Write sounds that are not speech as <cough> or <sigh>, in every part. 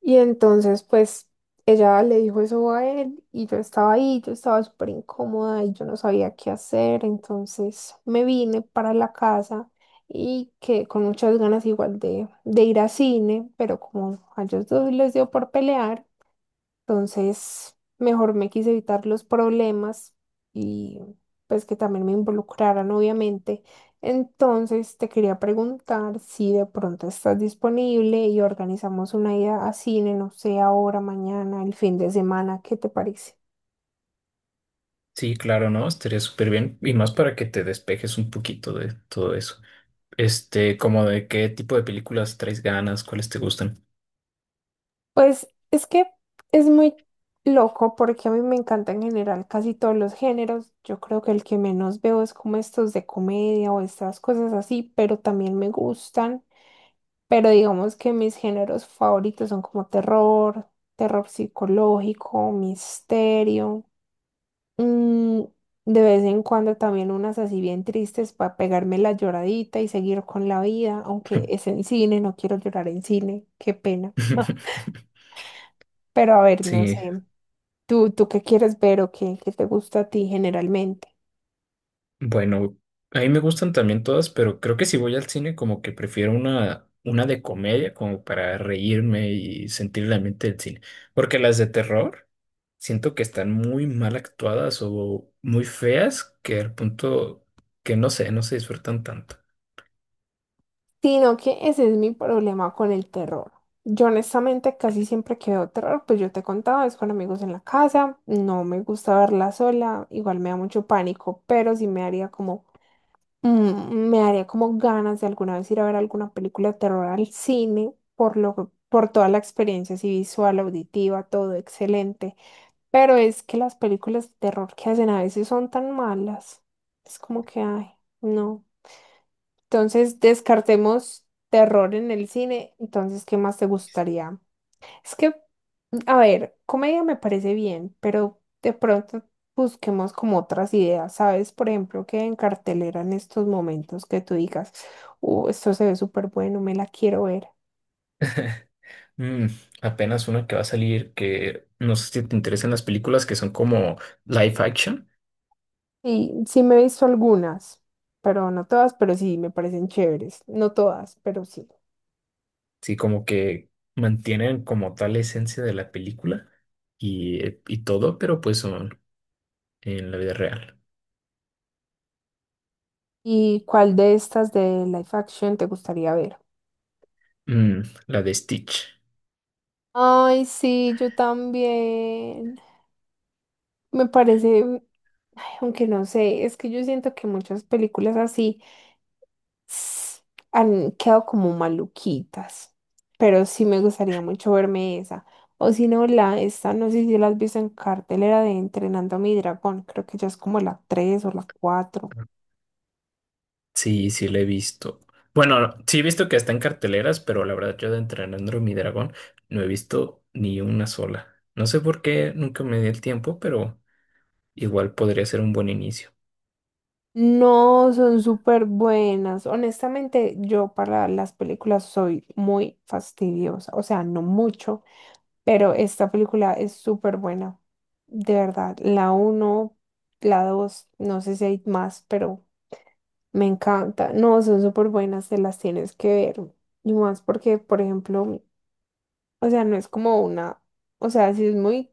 Y entonces, pues, ella le dijo eso a él y yo estaba ahí, yo estaba súper incómoda y yo no sabía qué hacer. Entonces me vine para la casa y que con muchas ganas igual de ir a cine, pero como a ellos dos les dio por pelear. Entonces, mejor me quise evitar los problemas y pues que también me involucraran, obviamente. Entonces, te quería preguntar si de pronto estás disponible y organizamos una ida a cine, no sé, ahora, mañana, el fin de semana, ¿qué te parece? Sí, claro, ¿no? Estaría súper bien. Y más para que te despejes un poquito de todo eso. Este, como de qué tipo de películas traes ganas, cuáles te gustan. Pues es que es muy loco porque a mí me encanta en general casi todos los géneros. Yo creo que el que menos veo es como estos de comedia o estas cosas así, pero también me gustan. Pero digamos que mis géneros favoritos son como terror, terror psicológico, misterio. mm, de vez en cuando también unas así bien tristes para pegarme la lloradita y seguir con la vida, aunque es en cine, no quiero llorar en cine, qué pena. <laughs> Pero a ver, no sé, Sí, ¿tú qué quieres ver o qué te gusta a ti generalmente. bueno, a mí me gustan también todas, pero creo que si voy al cine como que prefiero una de comedia como para reírme y sentir la mente del cine. Porque las de terror siento que están muy mal actuadas o muy feas que al punto que no sé, no se disfrutan tanto. Sino que ese es mi problema con el terror. Yo honestamente casi siempre que veo terror, pues yo te contaba, es con amigos en la casa, no me gusta verla sola, igual me da mucho pánico, pero sí me haría me haría como ganas de alguna vez ir a ver alguna película de terror al cine, por toda la experiencia así visual, auditiva, todo excelente. Pero es que las películas de terror que hacen a veces son tan malas, es como que, ay, no. Entonces, descartemos terror en el cine. Entonces, ¿qué más te gustaría? Es que, a ver, comedia me parece bien, pero de pronto busquemos como otras ideas, ¿sabes? Por ejemplo, que en cartelera en estos momentos que tú digas, esto se ve súper bueno, me la quiero ver. <laughs> Mm, Apenas una que va a salir que no sé si te interesan las películas que son como live action, Y sí me he visto algunas, pero no todas, pero sí me parecen chéveres. No todas, pero sí. sí, como que mantienen como tal la esencia de la película y todo, pero pues son en la vida real. ¿Y cuál de estas de live action te gustaría ver? La de Stitch. Ay, sí, yo también. Me parece, mm, ay, aunque no sé, es que yo siento que muchas películas así s- han quedado como maluquitas, pero sí me gustaría mucho verme esa. O si no, la esta, no sé si la has visto en cartelera de Entrenando a mi dragón, creo que ya es como la tres o la cuatro. Sí, sí, la he visto. Bueno, sí he visto que está en carteleras, pero la verdad yo de Entrenando mi Dragón no he visto ni una sola. No sé por qué nunca me di el tiempo, pero igual podría ser un buen inicio. No, son súper buenas. Honestamente, yo para las películas soy muy fastidiosa, o sea, no mucho. Pero esta película es súper buena, de verdad. La uno, la dos, no sé si hay más, pero me encanta. No, son súper buenas, te las tienes que ver. Y más porque, por ejemplo, o sea, no es como una, o sea, sí es muy,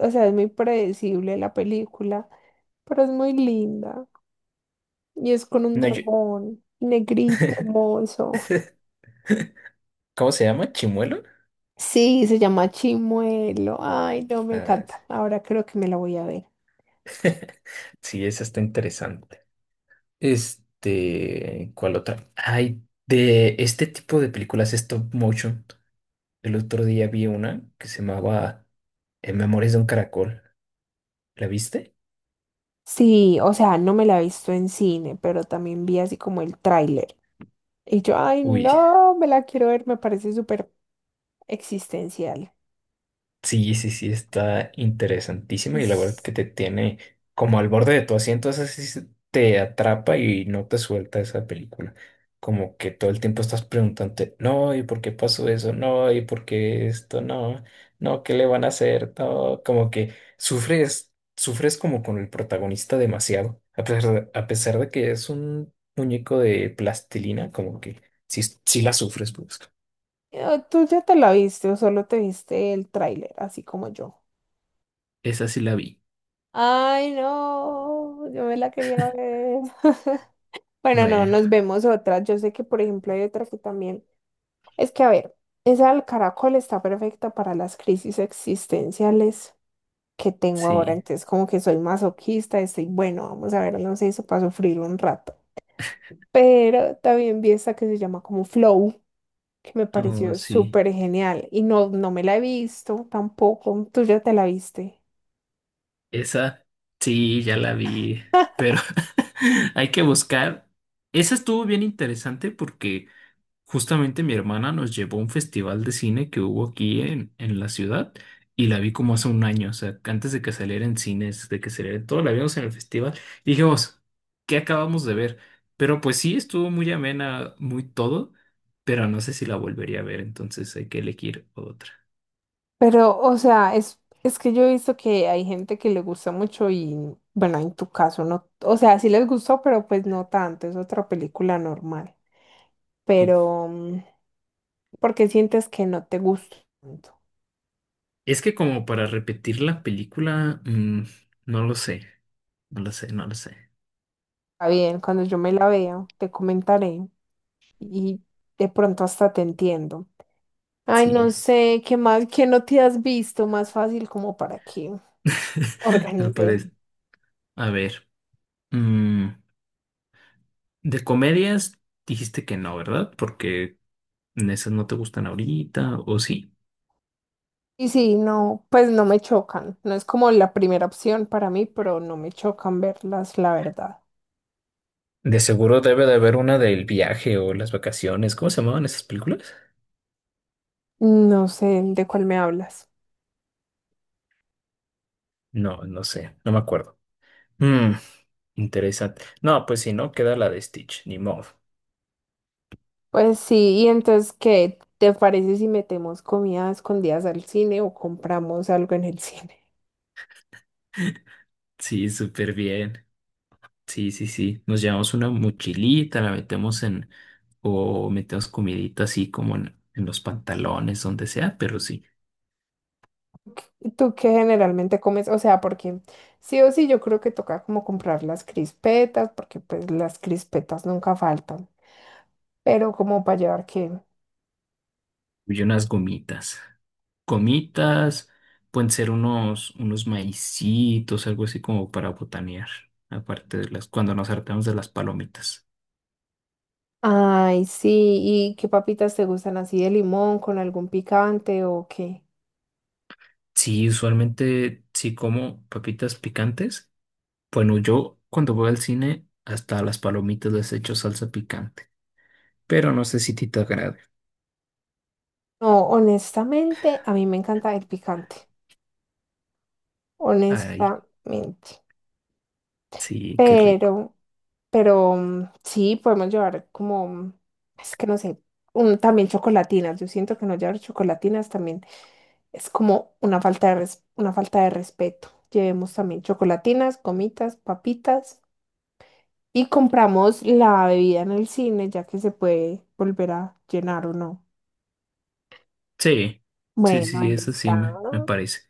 o sea, es muy predecible la película, pero es muy linda. Y es con un No, yo- dragón negrito, hermoso. ¿Cómo se llama? ¿Chimuelo? Sí, se llama Chimuelo. Ay, no, me Ah, sí, encanta. Ahora creo que me la voy a ver. <laughs> sí, esa está interesante. Este, ¿cuál otra? Hay de este tipo de películas stop motion. El otro día vi una que se llamaba Memorias de un caracol. ¿La viste? Sí, o sea, no me la he visto en cine, pero también vi así como el tráiler. Y yo, ay, Uy, no, me la quiero ver, me parece súper existencial. sí, sí, sí, está interesantísima y la verdad Es- que te tiene como al borde de tu asiento, esa sí te atrapa y no te suelta esa película. Como que todo el tiempo estás preguntándote, no, ¿y por qué pasó eso? No, ¿y por qué esto? No, no, ¿qué le van a hacer? No, como que sufres, sufres como con el protagonista demasiado, a pesar de que es un muñeco de plastilina, como que sí, sí la sufres, pues. ¿Tú ya te la viste o solo te viste el tráiler, así como yo? Esa sí la vi. Ay, no, yo me la quería ver. <laughs> Bueno, no, Bueno, nos vemos otra. Yo sé que, por ejemplo, hay otra que también. Es que, a ver, esa del caracol está perfecta para las crisis existenciales que tengo ahora. sí. Entonces, como que soy masoquista, estoy, bueno, vamos a ver, no sé, eso para sufrir un rato. Pero también vi esta que se llama como Flow, que me Oh, pareció sí. súper genial. Y no, no me la he visto tampoco. ¿Tú ya te la viste? Esa, sí, ya la vi, pero <laughs> hay que buscar. Esa estuvo bien interesante porque justamente mi hermana nos llevó a un festival de cine que hubo aquí en la ciudad y la vi como hace un año, o sea, antes de que saliera en cines, de que saliera en todo, la vimos en el festival. Y dijimos, ¿qué acabamos de ver? Pero pues sí, estuvo muy amena, muy todo, pero no sé si la volvería a ver, entonces hay que elegir otra. Pero, o sea, es que yo he visto que hay gente que le gusta mucho y, bueno, en tu caso no, o sea, sí les gustó, pero pues no tanto, es otra película normal. Pero, mm, ¿Por qué sientes que no te gusta tanto? Es que como para repetir la película, no lo sé, no lo sé, no lo sé. Está bien, cuando yo me la vea, te comentaré y de pronto hasta te entiendo. Ay, no Sí, sé, qué más, qué no te has visto, más fácil como para que <laughs> al organicemos. parecer. A ver, mm, de comedias dijiste que no, ¿verdad? Porque esas no te gustan ahorita, ¿o sí? Y sí, no, pues no me chocan. No es como la primera opción para mí, pero no me chocan verlas, la verdad. De seguro debe de haber una del viaje o las vacaciones. ¿Cómo se llamaban esas películas? No sé de cuál me hablas. No, no sé, no me acuerdo. Mm, interesante. No, pues si no, queda la de Stitch, ni modo. Pues sí, y entonces, ¿qué te parece si metemos comidas escondidas al cine o compramos algo en el <laughs> cine? Sí, súper bien. Sí, sí, sí. Nos llevamos una mochilita, o metemos comidita así como en los pantalones, donde sea, pero sí. ¿Tú qué generalmente comes? O sea, porque sí o sí yo creo que toca como comprar las crispetas, porque pues las crispetas nunca faltan. Pero como para llevar qué. Y unas gomitas. Gomitas, pueden ser unos maicitos, algo así como para botanear, aparte de las, cuando nos hartamos de las palomitas. Ay, sí, ¿y qué papitas te gustan así de limón con algún picante o qué? Sí, usualmente sí como papitas picantes. Bueno, yo cuando voy al cine, hasta a las palomitas les echo salsa picante, pero no sé si a ti te agrade. No, honestamente, a mí me encanta el picante, Ay, honestamente. sí, qué rico. Pero, pero sí, podemos llevar como, es que no sé, también chocolatinas. Yo siento que no llevar chocolatinas también es como una falta una falta de respeto. Llevemos también chocolatinas, gomitas, papitas. Y compramos la bebida en el cine, ya que se puede volver a llenar o no. Sí, sí, sí, Bueno, sí, ahí eso sí está. Me parece.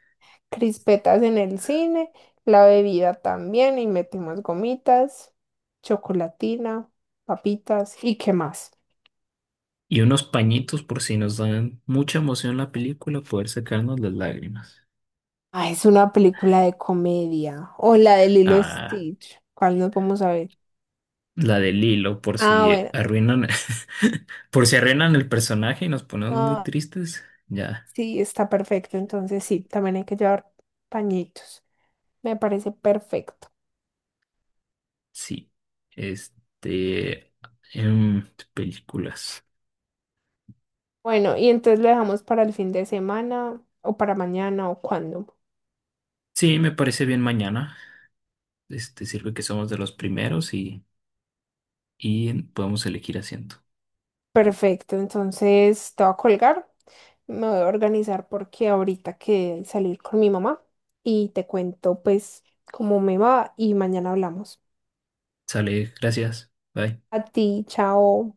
Crispetas en el cine, la bebida también, y metimos gomitas, chocolatina, papitas, ¿y qué más? Y unos pañitos por si nos dan mucha emoción la película, poder secarnos las lágrimas. Ah, es una película de comedia. O la de Lilo y Ah, Stitch. ¿Cuál nos vamos a ver? la de Lilo, por Ah, si bueno, arruinan, <laughs> por si arruinan el personaje y nos ponemos muy tristes. Ya, sí, está perfecto. Entonces sí, también hay que llevar pañitos. Me parece perfecto. sí. Este, em, películas. Bueno, y entonces lo dejamos para el fin de semana o para mañana o cuando. Sí, me parece bien mañana. Este, sirve que somos de los primeros y podemos elegir asiento. Perfecto, entonces te voy a colgar, me voy a organizar porque ahorita que salir con mi mamá y te cuento pues cómo me va y mañana hablamos. Sale, gracias. Bye. A ti, chao.